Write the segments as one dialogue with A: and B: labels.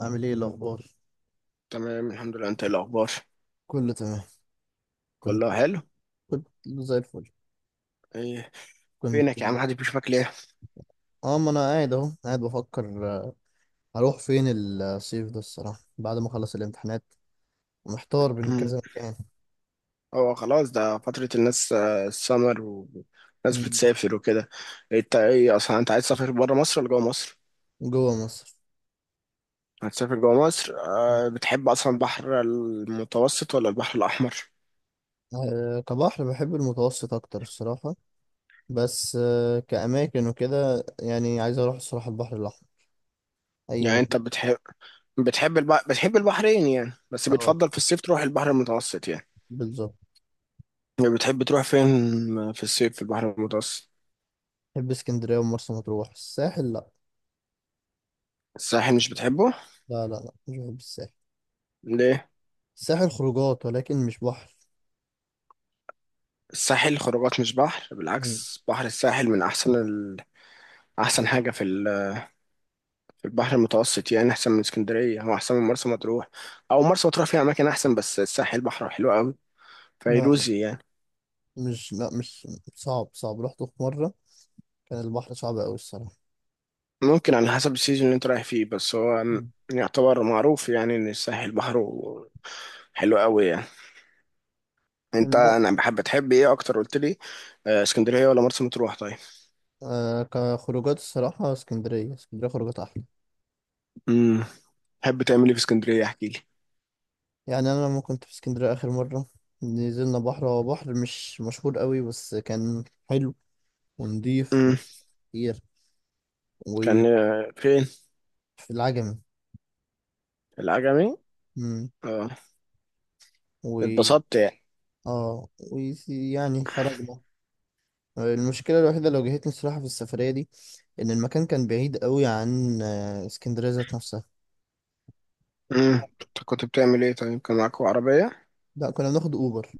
A: عامل ايه الاخبار؟
B: تمام الحمد لله، انت ايه الاخبار؟
A: كله تمام. كنت
B: كله حلو.
A: كنت زي الفل.
B: ايه؟
A: كنت
B: فينك يا عم، محدش بيشوفك ليه؟
A: اه ما انا قاعد اهو قاعد بفكر هروح فين الصيف ده الصراحه بعد ما اخلص الامتحانات، ومحتار بين
B: مم.
A: كذا مكان.
B: هو خلاص ده فترة الناس، السمر والناس
A: مم.
B: بتسافر وكده. انت ايه اصلا، انت عايز تسافر بره مصر ولا جوه مصر؟
A: جوه مصر.
B: هتسافر جوه مصر؟
A: مم.
B: أه، بتحب اصلا البحر المتوسط ولا البحر الاحمر؟
A: كبحر بحب المتوسط اكتر الصراحه. بس كاماكن وكده، يعني عايز اروح الصراحه البحر الاحمر. اي
B: يعني
A: م-
B: انت بتحب، بتحب البحرين يعني، بس
A: اه،
B: بتفضل في الصيف تروح البحر المتوسط يعني.
A: بالظبط.
B: بتحب تروح فين في الصيف في البحر المتوسط؟
A: بحب اسكندريه ومرسى مطروح. الساحل، لا.
B: الساحل مش بتحبه؟
A: لا لا لا، مش بحب الساحل.
B: ليه؟
A: الساحل خروجات ولكن مش بحر.
B: الساحل خروجات مش بحر،
A: مم.
B: بالعكس بحر الساحل من احسن احسن حاجه في في البحر المتوسط، يعني احسن من اسكندريه او احسن من مرسى مطروح، او مرسى مطروح فيها اماكن احسن، بس الساحل بحره حلو قوي،
A: لا،
B: فيروزي يعني.
A: مش صعب، صعب رحته في مرة. كان البحر صعب أوي الصراحة.
B: ممكن على حسب السيزون اللي انت رايح فيه، بس هو
A: مم.
B: يعتبر معروف يعني ان الساحل بحره حلو قوي يعني. انت
A: الم...
B: انا بحب تحب ايه اكتر قلت لي؟ اسكندريه ولا مرسى مطروح طيب؟
A: كخروجات الصراحة، اسكندرية خروجات أحلى.
B: امم. تحب تعمل ايه في اسكندريه؟ احكي لي.
A: يعني أنا لما كنت في اسكندرية آخر مرة نزلنا بحر، هو بحر مش مشهور أوي، بس كان حلو ونضيف
B: امم.
A: وكتير. وفي
B: كان فين؟
A: العجمي.
B: العجمي؟
A: مم.
B: اه.
A: و
B: اتبسطت يعني.
A: اه ويعني خرجنا. المشكلة الوحيدة اللي واجهتني الصراحة في السفرية دي، إن المكان كان بعيد أوي عن اسكندرية ذات نفسها.
B: امم. انت كنت بتعمل ايه طيب، كان معاكوا عربية؟
A: لا، كنا بناخد أوبر.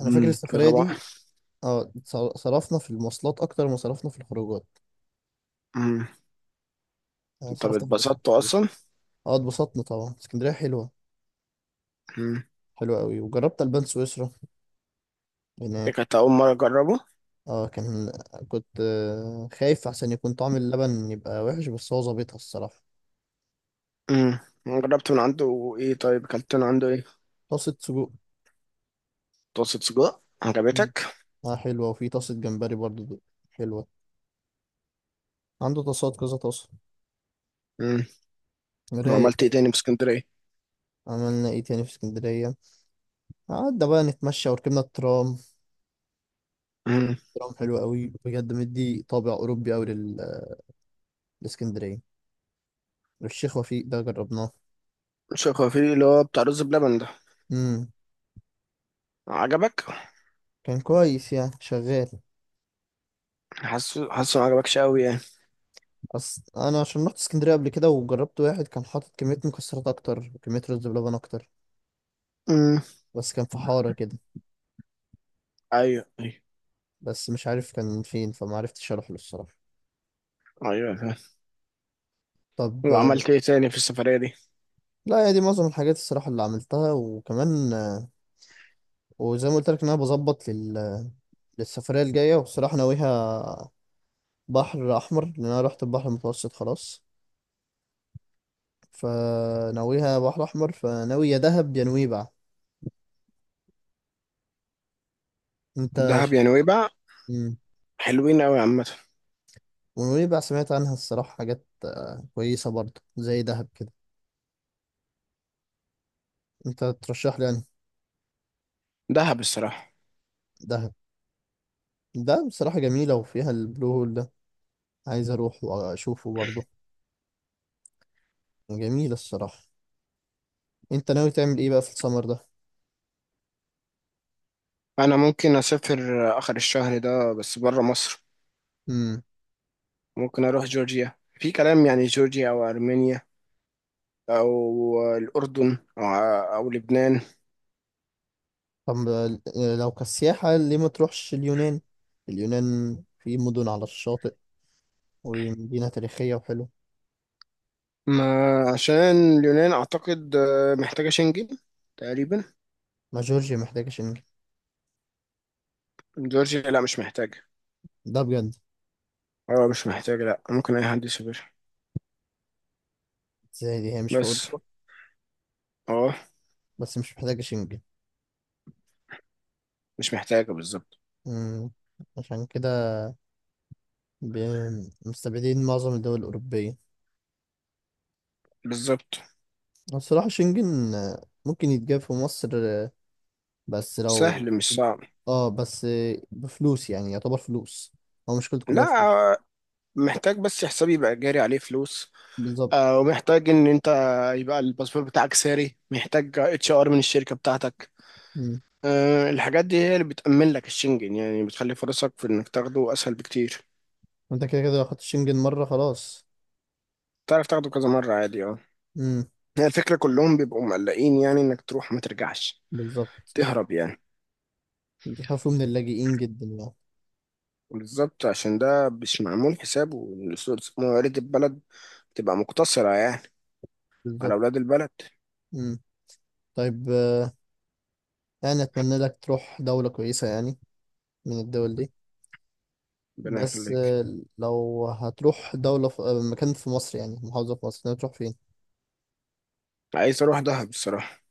A: انا فاكر
B: امم. في
A: السفريه
B: طبعا.
A: دي. اه، صرفنا في المواصلات اكتر ما صرفنا في الخروجات.
B: امم.
A: يعني
B: طب
A: صرفنا في المواصلات
B: اتبسطتوا
A: كتير.
B: اصلا؟
A: اه، اتبسطنا طبعا. اسكندريه حلوه،
B: امم.
A: حلوه قوي. وجربت البان سويسرا
B: دي
A: هناك.
B: كانت اول مرة اجربه.
A: اه، كنت خايف عشان يكون طعم اللبن يبقى وحش، بس هو ظابطها الصراحه.
B: امم. جربت من عنده ايه طيب، اكلت من عنده ايه؟
A: طاسه سجق.
B: طاسة سجق
A: مم.
B: عجبتك؟
A: اه حلوه. وفي طاسه جمبري برضو، دي حلوه. عنده طاسات كذا طاسه.
B: امم.
A: رايق
B: وعملت ايه
A: أوي.
B: تاني في اسكندرية؟
A: عملنا ايه تاني في اسكندريه؟ قعدنا بقى نتمشى وركبنا الترام.
B: امم.
A: الترام حلو قوي بجد، مدي طابع اوروبي قوي لاسكندريه. الشيخ وفيق ده جربناه.
B: شكوفيلي اللي هو بتاع رز بلبن ده
A: امم،
B: عجبك؟
A: كان كويس يعني، شغال.
B: حاسه ما عجبكش قوي يعني.
A: أصل انا عشان رحت اسكندريه قبل كده، وجربت واحد كان حاطط كميه مكسرات اكتر وكميه رز بلبن اكتر،
B: امم.
A: بس كان في حاره كده.
B: ايوه ايوه،
A: بس مش عارف كان فين، فما عرفتش اروح له الصراحه.
B: ايوه فاهم.
A: طب
B: وعملت ايه تاني في السفرية دي؟
A: لا، هي دي معظم الحاجات الصراحه اللي عملتها. وكمان وزي ما قلت لك، ان انا بظبط للسفريه الجايه. وبصراحه ناويها بحر احمر، لان انا رحت البحر المتوسط خلاص. فناويها بحر احمر، فناوي يا دهب يا نويبع. انت
B: دهب
A: ش...
B: يا نويبع.
A: مم.
B: حلوين قوي عامة.
A: ونويبع سمعت عنها الصراحة حاجات كويسة برضه زي دهب كده. انت ترشح لي يعني؟
B: دهب الصراحة.
A: دهب. دهب بصراحة جميلة، وفيها البلو هول ده، عايز اروح واشوفه برضه. جميلة الصراحة. انت ناوي تعمل ايه بقى في السمر ده؟
B: انا ممكن اسافر اخر الشهر ده بس بره مصر.
A: امم.
B: ممكن اروح جورجيا في كلام، يعني جورجيا او ارمينيا او الاردن أو لبنان.
A: طب لو كسياحة، ليه ما تروحش اليونان؟ اليونان في مدن على الشاطئ، ومدينة تاريخية وحلوة.
B: ما عشان اليونان اعتقد محتاجه شنجن تقريبا.
A: ما جورجيا محتاجة شنجن؟
B: جورجيا لا مش محتاجه.
A: ده بجد؟
B: اه مش محتاجه، لا ممكن اي حد يسافر.
A: زي دي هي مش في
B: بس
A: أوروبا،
B: اه
A: بس مش محتاجة شنجن.
B: مش محتاجه بالظبط.
A: امم. عشان كده مستبعدين معظم الدول الأوروبية.
B: بالظبط
A: الصراحة شنجن ممكن يتجاب في مصر، بس لو
B: سهل مش صعب.
A: اه، بس بفلوس يعني، يعتبر فلوس. هو مشكلته
B: لا.
A: كلها فلوس.
B: آه، محتاج بس حسابي يبقى جاري عليه فلوس.
A: بالظبط.
B: ومحتاج ان انت يبقى الباسبور بتاعك ساري، محتاج اتش ار من الشركه بتاعتك.
A: مم.
B: الحاجات دي هي اللي بتأمن لك الشنجن، يعني بتخلي فرصك في انك تاخده اسهل بكتير.
A: انت كده كده لو خدت شنجن مرة خلاص.
B: تعرف تاخده كذا مره عادي، اه.
A: مم.
B: هي الفكره كلهم بيبقوا مقلقين يعني انك تروح ما ترجعش.
A: بالظبط.
B: تهرب يعني.
A: بيخافوا من اللاجئين جدا يعني.
B: بالظبط. عشان ده مش معمول حسابه إن موارد البلد تبقى مقتصره يعني على
A: بالظبط.
B: اولاد البلد.
A: مم. طيب يعني أتمنى لك تروح دولة كويسة يعني من الدول دي.
B: ربنا
A: بس
B: يخليك.
A: لو هتروح دولة في مكان في مصر، يعني محافظة في مصر، تروح فين؟
B: عايز اروح دهب الصراحه.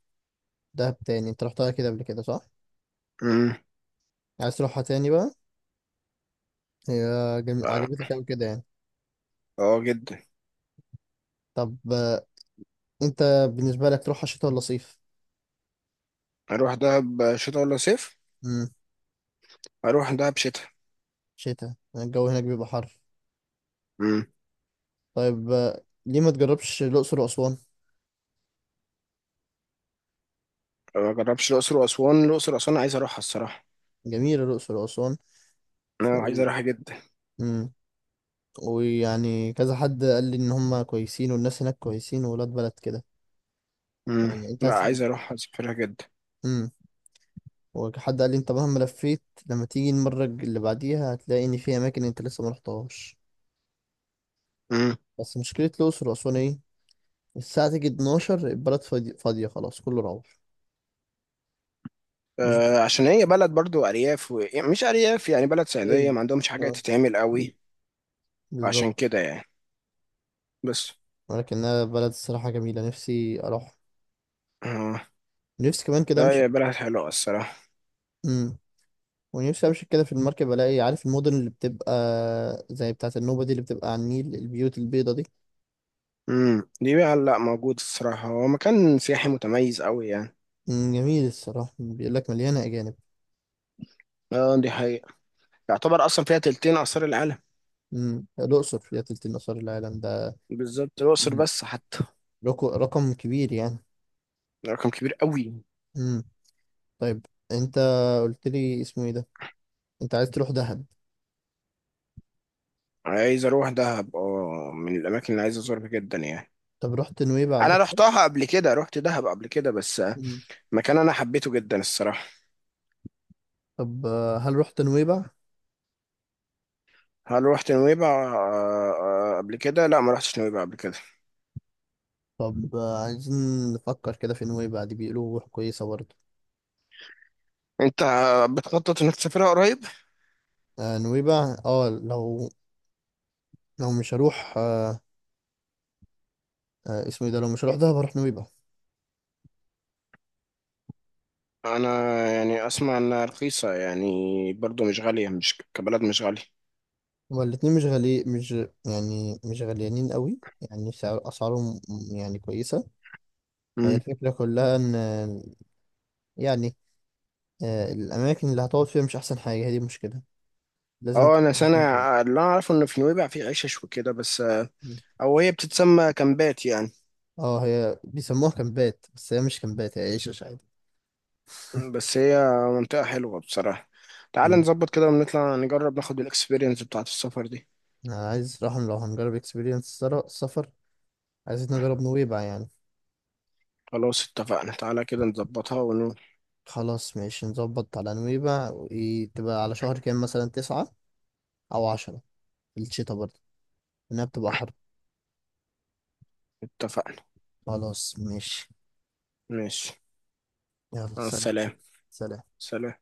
A: دهب تاني؟ انت رحتها كده قبل كده صح؟
B: امم.
A: عايز تروحها تاني بقى؟ هي
B: اه.
A: عجبتك أوي كده يعني.
B: جدا.
A: طب انت بالنسبة لك تروحها شتاء ولا صيف؟
B: اروح دهب شتاء ولا صيف؟
A: امم.
B: اروح دهب شتاء.
A: شتاء الجو هناك بيبقى حر.
B: امم.
A: طيب ليه ما تجربش الأقصر وأسوان؟
B: ما جربش الاقصر واسوان، الاقصر واسوان عايز اروحها الصراحه.
A: جميلة الأقصر وأسوان.
B: انا
A: و...
B: عايز اروحها جدا.
A: امم. ويعني كذا حد قال لي إن هما كويسين، والناس هناك كويسين وولاد بلد كده.
B: امم.
A: يعني انت
B: لا
A: هتحب.
B: عايز اروحها، اسافرها جدا.
A: امم. وحد قال لي انت مهما لفيت، لما تيجي المرة اللي بعديها هتلاقي إن في أماكن انت لسه ما رحتهاش.
B: امم.
A: بس مشكلة الأقصر وأسوان إيه؟ الساعة تيجي 12، البلد فاضية خلاص، كله روح. مش
B: آه عشان هي بلد برضو ارياف يعني مش ارياف، يعني بلد صعيديه
A: بعيد.
B: ما عندهمش حاجه
A: اه.
B: تتعمل قوي.
A: بالظبط.
B: عشان كده يعني، بس
A: ولكنها بلد الصراحة جميلة، نفسي أروح.
B: آه.
A: نفسي كمان كده
B: لا
A: أمشي.
B: هي بلد حلوه الصراحه.
A: مم. ونفسي أمشي كده في المركب، ألاقي عارف المدن اللي بتبقى زي بتاعة النوبة دي، اللي بتبقى على النيل، البيوت البيضة دي.
B: امم. دي بقى لا موجود الصراحه، هو مكان سياحي متميز قوي يعني.
A: جميل الصراحة. بيقول لك مليانة أجانب.
B: اه دي حقيقه. يعتبر اصلا فيها تلتين اثار العالم.
A: الأقصر فيها تلت الآثار العالم ده.
B: بالظبط، الاقصر
A: مم.
B: بس حتى.
A: رقم كبير يعني.
B: رقم كبير قوي.
A: مم. طيب، أنت قلت لي اسمه إيه ده؟ أنت عايز تروح دهب.
B: عايز اروح دهب، اه، من الاماكن اللي عايز ازورها جدا يعني.
A: طب رحت نويبع قبل
B: انا
A: كده؟
B: رحتها قبل كده، رحت دهب قبل كده بس مكان انا حبيته جدا الصراحه.
A: طب هل رحت نويبع؟
B: هل رحت نويبع؟ قبل كده لا ما رحتش نويبع قبل كده.
A: طب عايزين نفكر كده في نويبع دي، بيقولوا روح كويسة برضه.
B: انت بتخطط انك تسافرها قريب؟
A: نويبع، اه، لو، لو مش هروح اسمه إيه ده، لو مش هروح دهب هروح نويبع.
B: انا يعني اسمع انها رخيصه يعني، برضو مش غاليه، مش كبلد مش غاليه.
A: هما الاتنين مش غالي، مش يعني مش غاليانين قوي. يعني سعر أسعارهم يعني كويسة. هي
B: مم.
A: الفكرة كلها إن يعني الأماكن اللي هتقعد فيها مش أحسن حاجة، هي دي المشكلة. لازم
B: اه، انا سنه،
A: مكان تقعد.
B: اللي انا اعرفه ان في نويبع في عيشه وكده، بس او هي بتتسمى كامبات يعني.
A: اه، هي بيسموها كامبات، بس هي مش كامبات، هي عيشة عادي.
B: بس هي منطقة حلوة بصراحة. تعالى نظبط كده ونطلع نجرب ناخد الاكسبيرينس بتاعة السفر دي.
A: أنا عايز راح لو هنجرب اكسبيرينس سفر، عايزين نجرب نويبع يعني.
B: خلاص اتفقنا، تعالى كده نظبطها ونقول.
A: خلاص ماشي، نظبط على نويبع، وإيه تبقى على شهر كام مثلا؟ تسعة أو عشرة، في الشتا برضه، لأنها بتبقى حر.
B: اتفقنا.
A: خلاص ماشي.
B: ماشي.
A: يلا
B: مع
A: سلام.
B: السلامة.
A: سلام.
B: سلام.